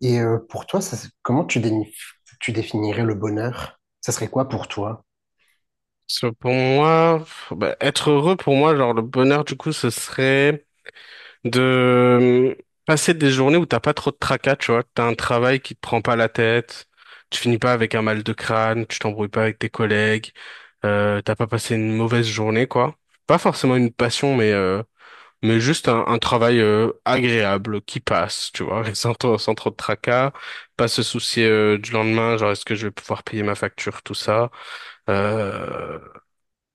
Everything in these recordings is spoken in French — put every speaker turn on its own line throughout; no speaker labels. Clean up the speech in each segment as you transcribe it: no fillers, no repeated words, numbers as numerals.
Pour toi, ça, comment tu définirais le bonheur? Ça serait quoi pour toi?
Parce que pour moi, bah, être heureux, pour moi, genre le bonheur, du coup, ce serait de passer des journées où t'as pas trop de tracas, tu vois, que t'as un travail qui te prend pas la tête, tu finis pas avec un mal de crâne, tu t'embrouilles pas avec tes collègues, t'as pas passé une mauvaise journée, quoi. Pas forcément une passion, mais juste un travail agréable qui passe, tu vois, sans trop de tracas, pas se soucier du lendemain, genre est-ce que je vais pouvoir payer ma facture, tout ça. Euh,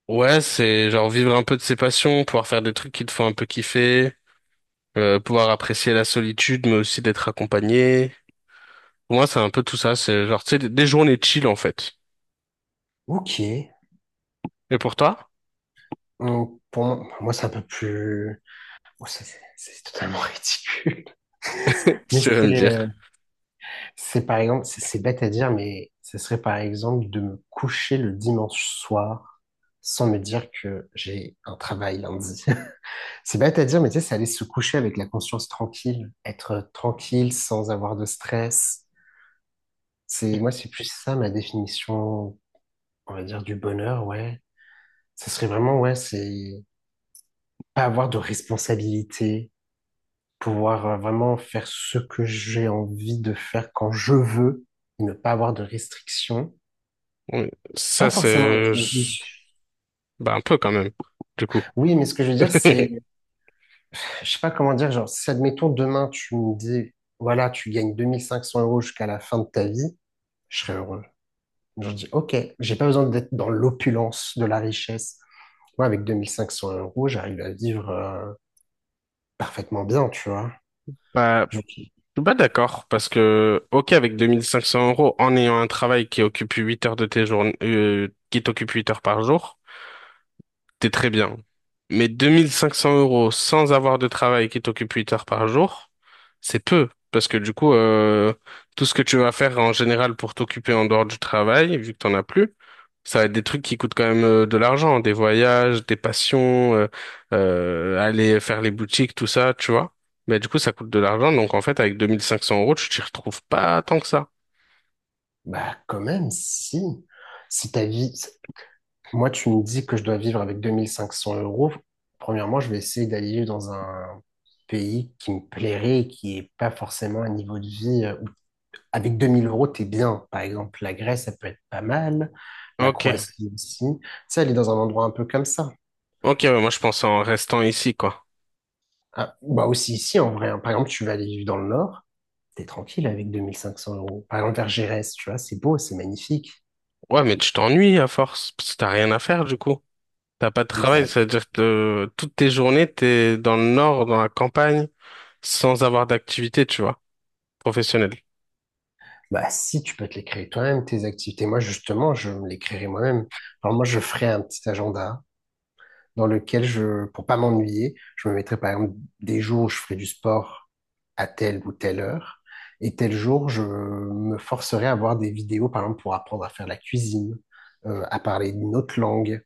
Ouais, c'est genre vivre un peu de ses passions, pouvoir faire des trucs qui te font un peu kiffer, pouvoir apprécier la solitude, mais aussi d'être accompagné. Pour moi, c'est un peu tout ça. C'est genre, tu sais, des journées chill, en fait.
Ok.
Et pour toi?
Moi, c'est un peu plus... bon, c'est totalement ridicule. Mais
Tu vas me dire.
c'est par exemple, c'est bête à dire, mais ce serait par exemple de me coucher le dimanche soir sans me dire que j'ai un travail lundi. C'est bête à dire, mais tu sais, c'est aller se coucher avec la conscience tranquille, être tranquille sans avoir de stress. C'est, moi, c'est plus ça ma définition, on va dire, du bonheur, ouais. Ça serait vraiment, ouais, c'est pas avoir de responsabilité, pouvoir vraiment faire ce que j'ai envie de faire quand je veux, ne pas avoir de restrictions.
Oui, ça,
Pas forcément
c'est...
être riche.
Bah, un peu quand même, du coup.
Oui, mais ce que je veux dire, c'est, je sais pas comment dire, genre, si admettons demain tu me dis, voilà, tu gagnes 2500 euros jusqu'à la fin de ta vie, je serais heureux. Je dis, ok, j'ai pas besoin d'être dans l'opulence de la richesse. Moi, avec 2500 euros, j'arrive à vivre parfaitement bien, tu vois.
Bah, je suis pas d'accord parce que, ok, avec 2 500 euros, en ayant un travail qui occupe 8 heures de tes journées, qui t'occupe 8 heures par jour, t'es très bien. Mais 2 500 euros sans avoir de travail qui t'occupe 8 heures par jour, c'est peu. Parce que du coup, tout ce que tu vas faire en général pour t'occuper en dehors du travail, vu que t'en as plus, ça va être des trucs qui coûtent quand même de l'argent, des voyages, des passions, aller faire les boutiques, tout ça, tu vois. Mais du coup, ça coûte de l'argent. Donc en fait, avec 2 500 euros, tu t'y retrouves pas tant que ça.
Bah, quand même, si. Si ta vie... si, moi, tu me dis que je dois vivre avec 2500 euros. Premièrement, je vais essayer d'aller vivre dans un pays qui me plairait, et qui n'est pas forcément un niveau de vie, avec 2000 euros, t'es bien. Par exemple, la Grèce, ça peut être pas mal. La
Ok.
Croatie aussi. Tu sais, aller dans un endroit un peu comme ça.
Ok, ouais, moi je pense en restant ici, quoi.
Ah, bah aussi ici, en vrai, hein. Par exemple, tu vas aller vivre dans le Nord, t'es tranquille avec 2500 euros. Par exemple, vers Gérès, tu vois, c'est beau, c'est magnifique.
Ouais, mais tu t'ennuies à force, parce que t'as rien à faire du coup. T'as pas de
Mais ça.
travail, c'est-à-dire que toutes tes journées, t'es dans le nord, dans la campagne, sans avoir d'activité, tu vois, professionnelle.
Bah, si tu peux te les créer toi-même, tes activités. Moi, justement, je me les créerai moi-même. Alors, moi, je ferai un petit agenda dans lequel je, pour pas m'ennuyer, je me mettrai par exemple des jours où je ferai du sport à telle ou telle heure. Et tel jour, je me forcerai à voir des vidéos, par exemple, pour apprendre à faire la cuisine, à parler une autre langue.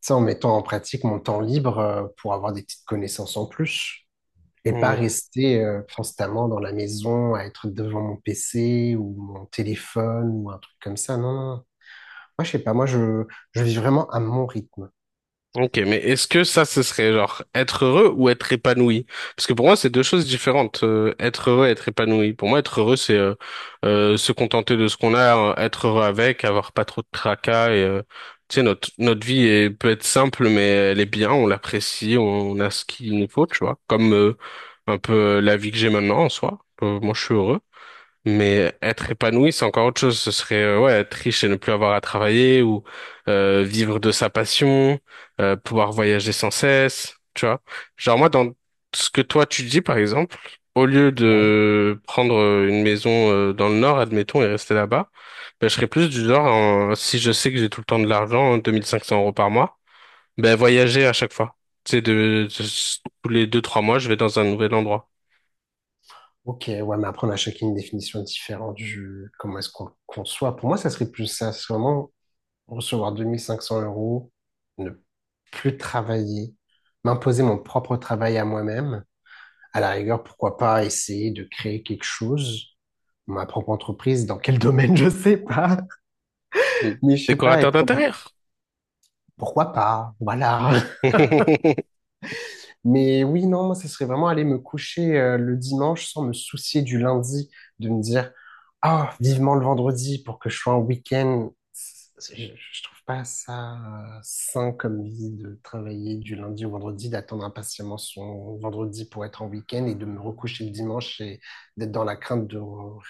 Ça, en mettant en pratique mon temps libre, pour avoir des petites connaissances en plus et pas
Mhm.
rester constamment dans la maison à être devant mon PC ou mon téléphone ou un truc comme ça. Non, non, non. Moi, je sais pas. Je vis vraiment à mon rythme.
Ok, mais est-ce que ça, ce serait genre être heureux ou être épanoui? Parce que pour moi, c'est deux choses différentes. Être heureux et être épanoui. Pour moi, être heureux, c'est se contenter de ce qu'on a, être heureux avec, avoir pas trop de tracas et tu sais, notre vie peut être simple, mais elle est bien, on l'apprécie, on a ce qu'il nous faut, tu vois. Comme un peu la vie que j'ai maintenant en soi. Moi, je suis heureux. Mais être épanoui, c'est encore autre chose. Ce serait ouais, être riche et ne plus avoir à travailler ou vivre de sa passion, pouvoir voyager sans cesse, tu vois. Genre moi, dans ce que toi tu dis, par exemple, au lieu
Ouais.
de prendre une maison dans le nord, admettons, et rester là-bas, ben, je serais plus du genre, si je sais que j'ai tout le temps de l'argent, hein, 2 500 euros par mois, ben voyager à chaque fois. Tu sais, tous les deux, trois mois, je vais dans un nouvel endroit.
Ok, ouais, mais après, on a chacune une définition différente du comment est-ce qu'on le conçoit. Pour moi, ça serait plus ça. C'est vraiment recevoir 2500 euros, ne plus travailler, m'imposer mon propre travail à moi-même. À la rigueur, pourquoi pas essayer de créer quelque chose, ma propre entreprise, dans quel domaine, je sais pas. Mais je sais pas,
Décorateur
être comme,
d'intérieur.
pourquoi pas, voilà. Mais oui, non, moi, ce serait vraiment aller me coucher le dimanche sans me soucier du lundi, de me dire, ah, vivement le vendredi pour que je sois en week-end. Je trouve pas ça sain comme vie de travailler du lundi au vendredi, d'attendre impatiemment son vendredi pour être en week-end et de me recoucher le dimanche et d'être dans la crainte de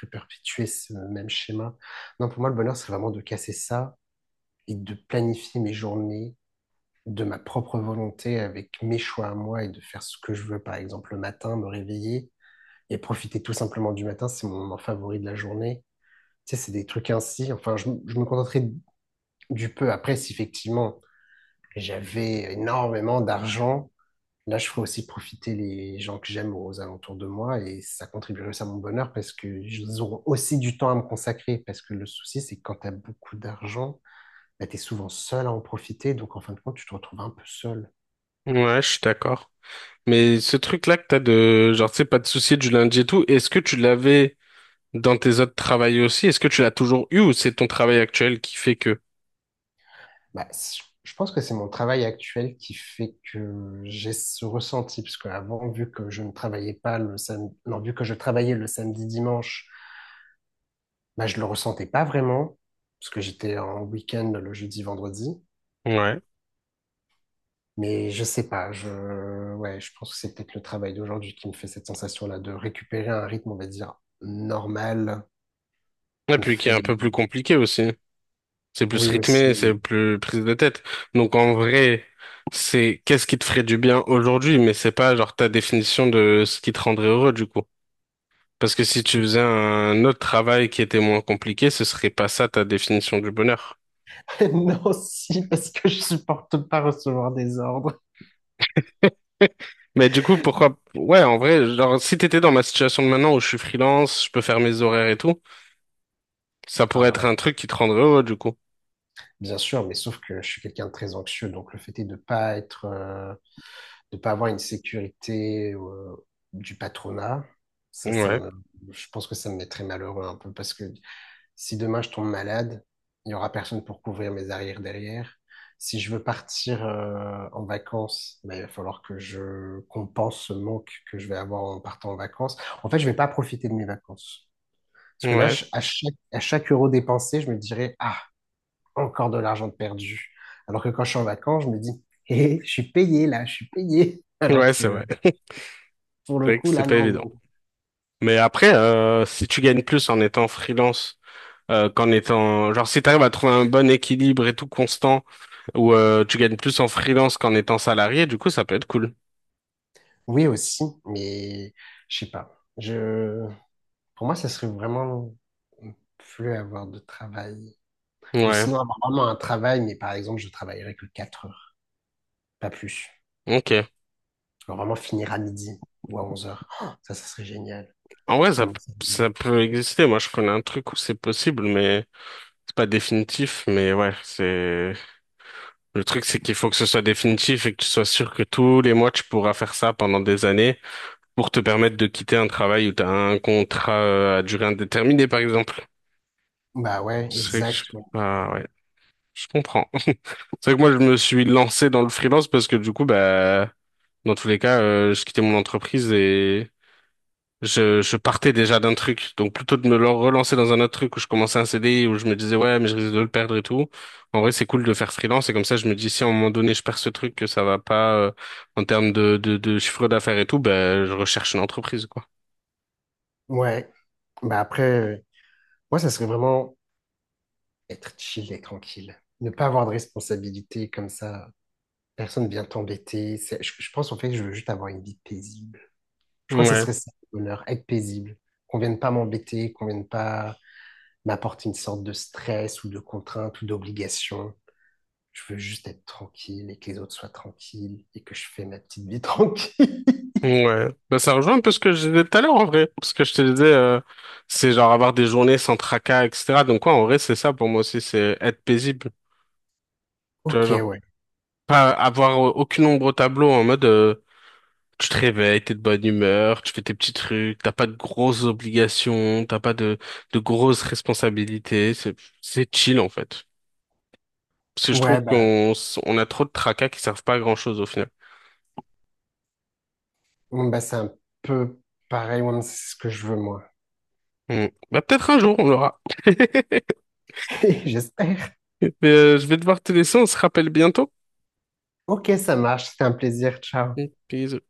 réperpétuer ce même schéma. Non, pour moi, le bonheur, c'est vraiment de casser ça et de planifier mes journées de ma propre volonté, avec mes choix à moi et de faire ce que je veux, par exemple le matin, me réveiller et profiter tout simplement du matin, c'est mon moment favori de la journée. Tu sais, c'est des trucs ainsi. Enfin, je me contenterai du peu. Après, si effectivement j'avais énormément d'argent, là, je ferais aussi profiter les gens que j'aime aux alentours de moi et ça contribuerait aussi à mon bonheur parce que ils auront aussi du temps à me consacrer. Parce que le souci, c'est que quand tu as beaucoup d'argent, bah, tu es souvent seul à en profiter. Donc, en fin de compte, tu te retrouves un peu seul.
Ouais, je suis d'accord. Mais ce truc-là que t'as de, genre, tu sais, pas de souci du lundi et tout, est-ce que tu l'avais dans tes autres travails aussi? Est-ce que tu l'as toujours eu ou c'est ton travail actuel qui fait que?
Bah, je pense que c'est mon travail actuel qui fait que j'ai ce ressenti, parce qu'avant, vu que je ne travaillais pas le samedi, non, vu que je travaillais le samedi, dimanche, bah, je le ressentais pas vraiment, parce que j'étais en week-end le jeudi, vendredi.
Ouais.
Mais je sais pas, ouais, je pense que c'est peut-être le travail d'aujourd'hui qui me fait cette sensation-là de récupérer un rythme, on va dire, normal,
Et
qui me
puis qui est
fait,
un peu plus compliqué aussi. C'est plus
oui aussi,
rythmé, c'est
oui.
plus prise de tête. Donc en vrai, c'est qu'est-ce qui te ferait du bien aujourd'hui, mais c'est pas genre ta définition de ce qui te rendrait heureux du coup. Parce que si tu faisais un autre travail qui était moins compliqué, ce serait pas ça ta définition du bonheur.
Non, si, parce que je supporte pas recevoir des ordres.
Mais du coup, pourquoi... Ouais, en vrai, genre, si t'étais dans ma situation de maintenant où je suis freelance, je peux faire mes horaires et tout, ça pourrait
Alors,
être un truc qui te rendrait heureux, du coup.
bien sûr, mais sauf que je suis quelqu'un de très anxieux, donc le fait est de pas être, de pas avoir une sécurité du patronat, ça, ça
Ouais,
me, je pense que ça me mettrait malheureux un peu parce que si demain je tombe malade, il y aura personne pour couvrir mes arrières derrière. Si je veux partir en vacances, ben, il va falloir que je compense ce manque que je vais avoir en partant en vacances. En fait, je vais pas profiter de mes vacances. Parce que là,
ouais,
à chaque euro dépensé, je me dirais, ah, encore de l'argent de perdu. Alors que quand je suis en vacances, je me dis, hé, je suis payé là, je suis payé. Alors
ouais, c'est
que
vrai.
pour
C'est
le
vrai que
coup,
c'est
là,
pas
non,
évident.
non.
Mais après, si tu gagnes plus en étant freelance, qu'en étant... Genre, si t'arrives à trouver un bon équilibre et tout constant, où tu gagnes plus en freelance qu'en étant salarié, du coup, ça peut être cool.
Oui, aussi, mais je sais pas. Je... pour moi, ça serait vraiment plus avoir de travail. Ou
Ouais,
sinon, avoir vraiment un travail, mais par exemple, je travaillerais que 4 heures, pas plus.
ok.
Genre vraiment finir à midi ou à 11 heures. Oh, ça serait génial.
En
Tu
vrai, ça,
commences à...
ça peut exister. Moi, je connais un truc où c'est possible, mais c'est pas définitif. Mais ouais, c'est... Le truc, c'est qu'il faut que ce soit définitif et que tu sois sûr que tous les mois, tu pourras faire ça pendant des années pour te permettre de quitter un travail où tu as un contrat à durée indéterminée, par exemple.
Bah ouais,
C'est que je...
exact. Ouais.
Ah ouais, je comprends. C'est vrai que moi, je me suis lancé dans le freelance parce que du coup, bah, dans tous les cas, je quittais mon entreprise et je partais déjà d'un truc, donc plutôt de relancer dans un autre truc où je commençais un CDI, où je me disais ouais mais je risque de le perdre et tout. En vrai c'est cool de faire freelance et comme ça je me dis si à un moment donné je perds ce truc que ça va pas en termes de chiffre d'affaires et tout, ben je recherche une entreprise quoi.
Ouais. Bah après, moi, ça serait vraiment être chill et tranquille. Ne pas avoir de responsabilité comme ça. Personne vient t'embêter. Je pense en fait que je veux juste avoir une vie paisible. Je crois que ce
Ouais,
serait ça le bonheur, être paisible. Qu'on vienne pas m'embêter, qu'on vienne pas m'apporter une sorte de stress ou de contrainte ou d'obligation. Je veux juste être tranquille et que les autres soient tranquilles et que je fais ma petite vie tranquille.
ouais. Bah, ça rejoint un peu ce que je disais tout à l'heure en vrai. Parce que je te disais, c'est genre avoir des journées sans tracas, etc. Donc quoi, en vrai, c'est ça pour moi aussi, c'est être paisible. Tu vois,
Ok,
genre,
ouais.
pas avoir aucune ombre au tableau en mode, tu te réveilles, t'es de bonne humeur, tu fais tes petits trucs, t'as pas de grosses obligations, t'as pas de grosses responsabilités, c'est chill en fait. Parce que je trouve
Ouais, bah,
on a trop de tracas qui servent pas à grand-chose au final.
bon, bah c'est un peu pareil, ouais, mais c'est ce que je veux moi.
Hmm. Bah peut-être un jour on l'aura.
J'espère.
Mais je vais devoir te laisser, on se rappelle bientôt.
Ok, ça marche. C'était un plaisir. Ciao.
Peace.